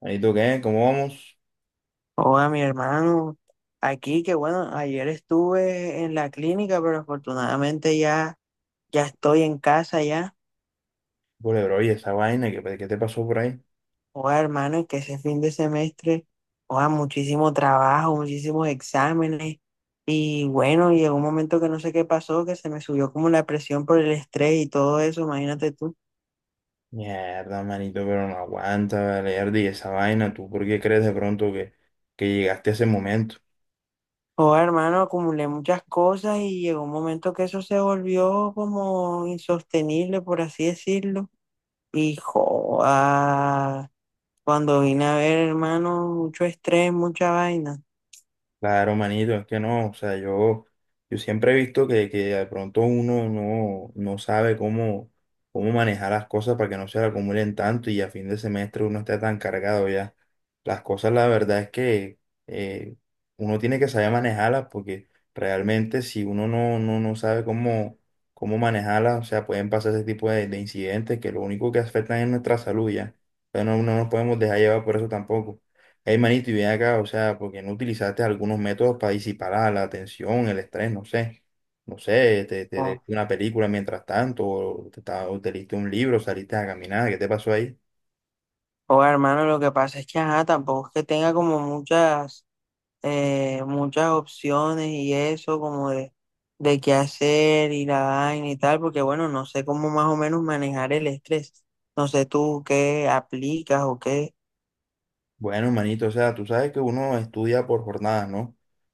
Ahí tú qué, ¿cómo vamos? Hola, mi hermano. Aquí, que bueno, ayer estuve en la clínica, pero afortunadamente ya, ya estoy en casa ya. Vale, bro, oye, esa vaina, ¿qué te pasó por ahí? Hola, hermano, es que ese fin de semestre, hola, muchísimo trabajo, muchísimos exámenes. Y bueno, llegó un momento que no sé qué pasó, que se me subió como la presión por el estrés y todo eso, imagínate tú. Mierda, manito, pero no aguanta, vale, Erdi, esa vaina, ¿tú por qué crees de pronto que llegaste a ese momento? Hola, hermano, acumulé muchas cosas y llegó un momento que eso se volvió como insostenible, por así decirlo. Y joda. Cuando vine a ver, hermano, mucho estrés, mucha vaina. Claro, manito, es que no, o sea, yo siempre he visto que de pronto uno no, no sabe cómo, cómo manejar las cosas para que no se le acumulen tanto y a fin de semestre uno está tan cargado ya. Las cosas, la verdad es que eh, uno tiene que saber manejarlas porque realmente si uno no, no, no sabe cómo, cómo manejarlas, o sea, pueden pasar ese tipo de incidentes que lo único que afectan es nuestra salud ya. Pero no, no nos podemos dejar llevar por eso tampoco. Hey, manito, y ven acá, o sea, porque no utilizaste algunos métodos para disipar la, la tensión, el estrés, no sé, no sé, O, una película mientras tanto, o te, o te leíste un libro, saliste a caminar, ¿qué te pasó ahí? Hermano, lo que pasa es que, ajá, tampoco es que tenga como muchas, muchas opciones y eso, como de qué hacer y la vaina y tal, porque bueno, no sé cómo más o menos manejar el estrés. No sé tú qué aplicas o qué. Bueno, manito, o sea, tú sabes que uno estudia por jornadas, ¿no?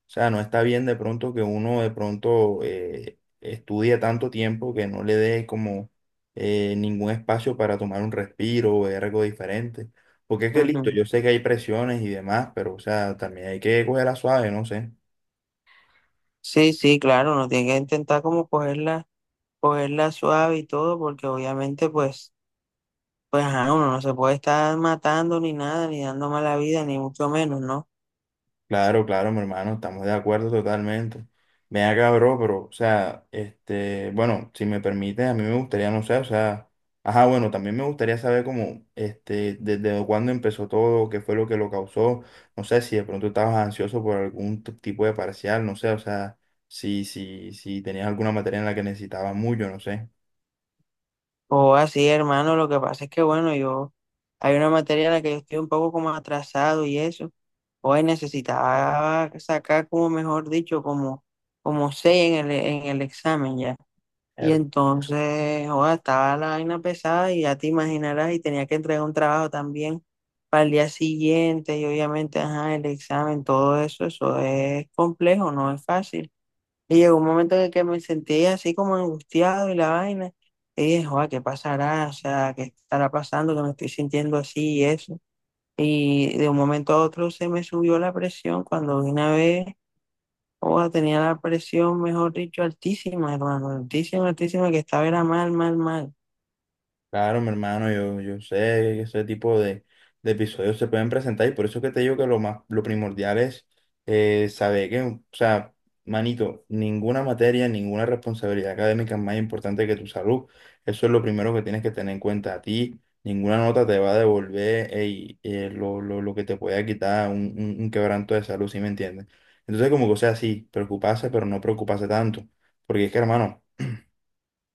O sea, no está bien de pronto que uno de pronto estudie tanto tiempo que no le dé como ningún espacio para tomar un respiro o ver algo diferente. Porque es que listo, Ujú. yo sé que hay presiones y demás, pero o sea, también hay que cogerla suave, no sé. Sí, sí, claro, uno tiene que intentar como cogerla suave y todo, porque obviamente, pues. Pues ajá, uno no se puede estar matando ni nada, ni dando mala vida, ni mucho menos, ¿no? Claro, claro, mi hermano, estamos de acuerdo totalmente. Ven acá, bro, pero, o sea, este, bueno, si me permites, a mí me gustaría, no sé, o sea, ajá, bueno, también me gustaría saber cómo, este, desde cuándo empezó todo, qué fue lo que lo causó, no sé, si de pronto estabas ansioso por algún tipo de parcial, no sé, o sea, si tenías alguna materia en la que necesitabas mucho, no sé. O así, hermano, lo que pasa es que, bueno, yo, hay una materia en la que yo estoy un poco como atrasado y eso, hoy necesitaba sacar como, mejor dicho, como, como seis en en el examen ya. Y entonces, joda, estaba la vaina pesada y ya te imaginarás, y tenía que entregar un trabajo también para el día siguiente, y obviamente, ajá, el examen, todo eso, eso es complejo, no es fácil. Y llegó un momento en el que me sentí así como angustiado y la vaina. Y dije, joder, ¿qué pasará? O sea, ¿qué estará pasando? Que me estoy sintiendo así y eso. Y de un momento a otro se me subió la presión. Cuando de una vez, joda, tenía la presión, mejor dicho, altísima, hermano, altísima, altísima, que estaba era mal, mal, mal. Claro, mi hermano, yo sé que ese tipo de episodios se pueden presentar y por eso es que te digo que lo más, lo primordial es saber que, o sea, manito, ninguna materia, ninguna responsabilidad académica es más importante que tu salud. Eso es lo primero que tienes que tener en cuenta a ti. Ninguna nota te va a devolver ey, lo que te pueda quitar un quebranto de salud, ¿sí me entiendes? Entonces, como que, o sea, sí, preocuparse, pero no preocuparse tanto. Porque es que, hermano,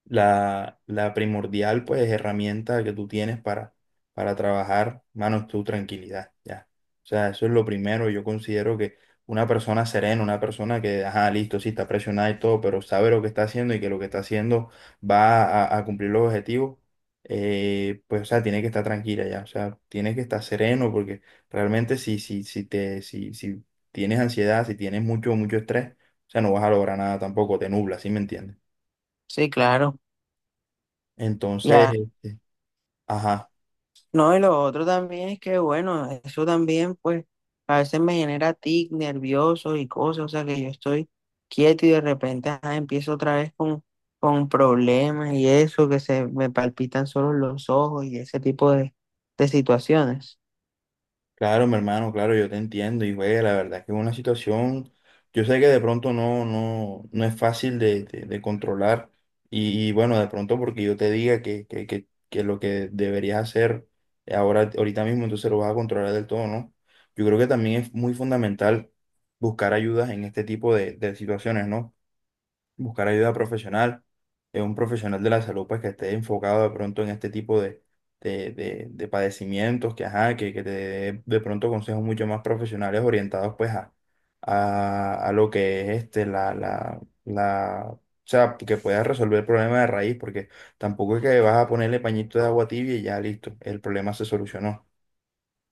la primordial, pues, herramienta que tú tienes para trabajar, mano, es tu tranquilidad, ya. O sea, eso es lo primero. Yo considero que una persona serena, una persona que, ajá, listo, sí, está presionada y todo, pero sabe lo que está haciendo y que lo que está haciendo va a cumplir los objetivos, pues, o sea, tiene que estar tranquila ya. O sea, tiene que estar sereno porque realmente si, si, si te, si, si tienes ansiedad, si tienes mucho, mucho estrés, o sea, no vas a lograr nada tampoco, te nubla, ¿sí me entiendes? Sí, claro. Entonces, Ya. este, ajá, No, y lo otro también es que, bueno, eso también, pues, a veces me genera tic, nervioso y cosas, o sea, que yo estoy quieto y de repente ajá, empiezo otra vez con problemas y eso, que se me palpitan solo los ojos y ese tipo de situaciones. claro, mi hermano, claro, yo te entiendo y güey, la verdad es que es una situación, yo sé que de pronto no, no, no es fácil de, de controlar y bueno, de pronto porque yo te diga que lo que deberías hacer ahora, ahorita mismo, entonces lo vas a controlar del todo, ¿no? Yo creo que también es muy fundamental buscar ayudas en este tipo de situaciones, ¿no? Buscar ayuda profesional, un profesional de la salud pues que esté enfocado de pronto en este tipo de, de padecimientos, que, ajá, que te dé de pronto consejos mucho más profesionales orientados pues a lo que es este, la, o sea, que puedas resolver el problema de raíz, porque tampoco es que vas a ponerle pañito de agua tibia y ya listo, el problema se solucionó.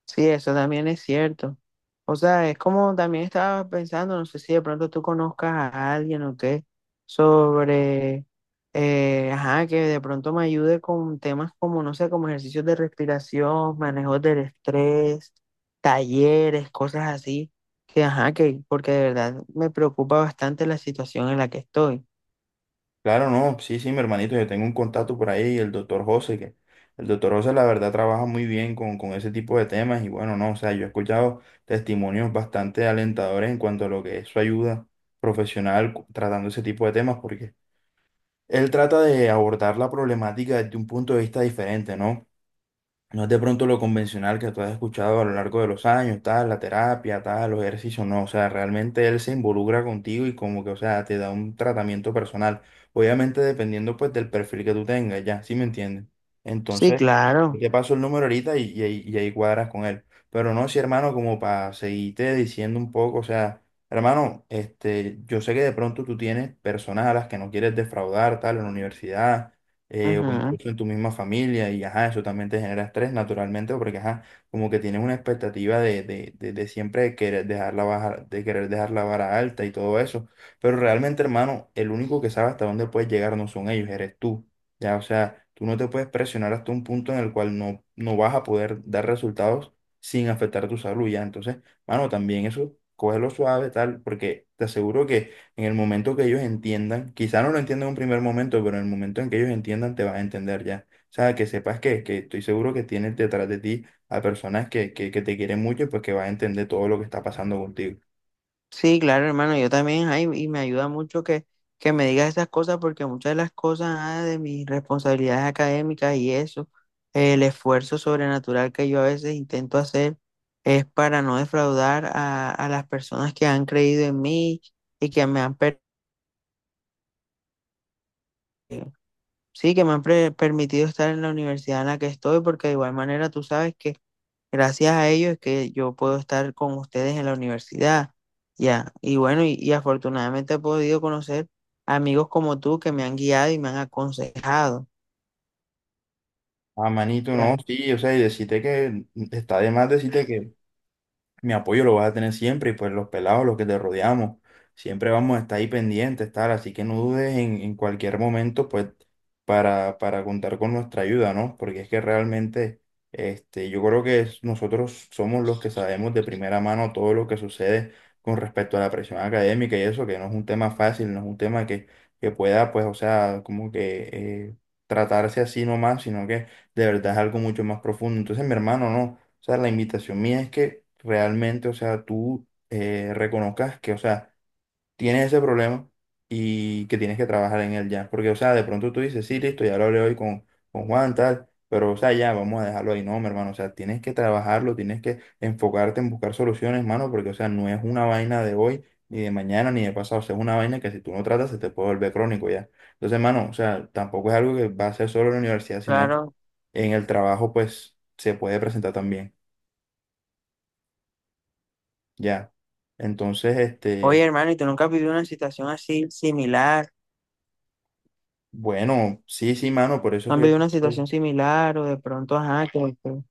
Sí, eso también es cierto. O sea, es como también estaba pensando, no sé si de pronto tú conozcas a alguien o qué, sobre, ajá, que de pronto me ayude con temas como, no sé, como ejercicios de respiración, manejos del estrés, talleres, cosas así, que, ajá, que, porque de verdad me preocupa bastante la situación en la que estoy. Claro, no, sí, sí, mi hermanito, yo tengo un contacto por ahí, el doctor José, que el doctor José la verdad trabaja muy bien con ese tipo de temas y bueno, no, o sea, yo he escuchado testimonios bastante alentadores en cuanto a lo que es su ayuda profesional tratando ese tipo de temas, porque él trata de abordar la problemática desde un punto de vista diferente, ¿no? No es de pronto lo convencional que tú has escuchado a lo largo de los años, tal, la terapia, tal, los ejercicios, no, o sea, realmente él se involucra contigo y como que, o sea, te da un tratamiento personal, obviamente dependiendo pues del perfil que tú tengas, ya, ¿sí me entiendes? Sí, Entonces, yo claro. te paso el número ahorita y ahí cuadras con él. Pero no, sí, hermano, como para seguirte diciendo un poco, o sea, hermano, este, yo sé que de pronto tú tienes personas a las que no quieres defraudar, tal, en la universidad, o Ujú. incluso en tu misma familia, y ajá, eso también te genera estrés naturalmente, porque ajá, como que tienes una expectativa de siempre querer dejar la baja, de querer dejar la vara alta y todo eso, pero realmente, hermano, el único que sabe hasta dónde puedes llegar no son ellos, eres tú, ya, o sea, tú no te puedes presionar hasta un punto en el cual no, no vas a poder dar resultados sin afectar tu salud, ya, entonces, mano, también eso, cógelo suave, tal, porque te aseguro que en el momento que ellos entiendan, quizá no lo entiendan en un primer momento, pero en el momento en que ellos entiendan te vas a entender ya. O sea, que sepas que estoy seguro que tienes detrás de ti a personas que te quieren mucho y pues que vas a entender todo lo que está pasando contigo. Sí, claro, hermano, yo también, ay, y me ayuda mucho que me digas esas cosas porque muchas de las cosas ah, de mis responsabilidades académicas y eso, el esfuerzo sobrenatural que yo a veces intento hacer es para no defraudar a las personas que han creído en mí y que me han, sí, que me han permitido estar en la universidad en la que estoy, porque de igual manera tú sabes que gracias a ellos es que yo puedo estar con ustedes en la universidad. Ya, y bueno, y afortunadamente he podido conocer amigos como tú que me han guiado y me han aconsejado. Ah, manito, no, Ya, sí, o sea, y decirte que está de más decirte que mi apoyo lo vas a tener siempre y pues los pelados, los que te rodeamos, siempre vamos a estar ahí pendientes, tal, así que no dudes en cualquier momento, pues, para contar con nuestra ayuda, ¿no? Porque es que realmente, este, yo creo que nosotros somos los que sabemos de primera mano todo lo que sucede con respecto a la presión académica y eso, que no es un tema fácil, no es un tema que pueda, pues, o sea, como que… tratarse así nomás, sino que de verdad es algo mucho más profundo. Entonces, mi hermano, no. O sea, la invitación mía es que realmente, o sea, tú reconozcas que, o sea, tienes ese problema y que tienes que trabajar en él ya. Porque, o sea, de pronto tú dices, sí, listo, ya lo hablé hoy con Juan, tal, pero, o sea, ya, vamos a dejarlo ahí. No, mi hermano, o sea, tienes que trabajarlo, tienes que enfocarte en buscar soluciones, hermano, porque, o sea, no es una vaina de hoy, ni de mañana, ni de pasado. O sea, es una vaina que si tú no tratas se te puede volver crónico ya. Entonces, hermano, o sea, tampoco es algo que va a ser solo en la universidad, sino claro. en el trabajo, pues, se puede presentar también. Ya. Entonces, Oye, este, hermano, ¿y tú nunca has vivido una situación así similar? bueno, sí, sí, mano, por eso es ¿No han vivido una que… situación similar o de pronto, ajá, que-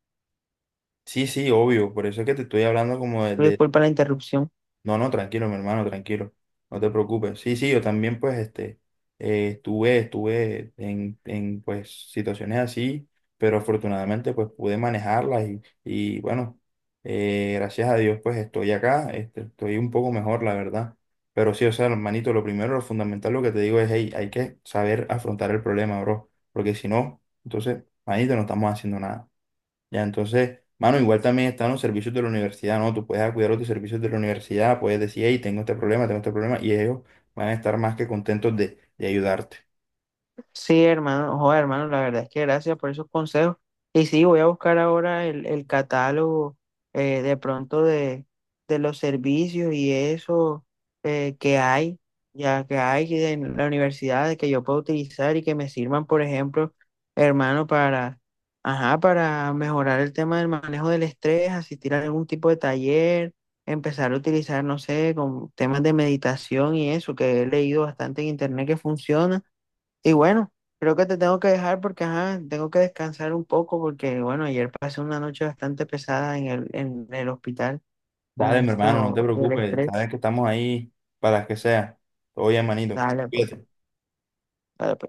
Sí, sí, obvio, por eso es que te estoy hablando como de, disculpa la interrupción? No, no, tranquilo, mi hermano, tranquilo. No te preocupes. Sí, sí, yo también, pues, este, estuve en, pues, situaciones así, pero afortunadamente, pues, pude manejarlas y bueno, gracias a Dios, pues, estoy acá, este, estoy un poco mejor, la verdad. Pero sí, o sea, hermanito, lo primero, lo fundamental, lo que te digo es, hey, hay que saber afrontar el problema, bro, porque si no, entonces, manito, no estamos haciendo nada. Ya, entonces, mano, igual también están los servicios de la universidad, ¿no? Tú puedes acudir a los servicios de la universidad, puedes decir, hey, tengo este problema, y ellos van a estar más que contentos de ayudarte. Sí, hermano, joder, hermano, la verdad es que gracias por esos consejos. Y sí, voy a buscar ahora el catálogo de pronto de los servicios y eso que hay, ya que hay en la universidad de que yo puedo utilizar y que me sirvan, por ejemplo, hermano, para, ajá, para mejorar el tema del manejo del estrés, asistir a algún tipo de taller, empezar a utilizar, no sé, con temas de meditación y eso, que he leído bastante en internet que funciona. Y bueno, creo que te tengo que dejar porque ajá, tengo que descansar un poco porque bueno, ayer pasé una noche bastante pesada en en el hospital con Dale, mi hermano, no te esto del preocupes, sabes estrés. que estamos ahí para las que sea. Todo bien, manito. Dale, pues, Cuídate. dale, pues.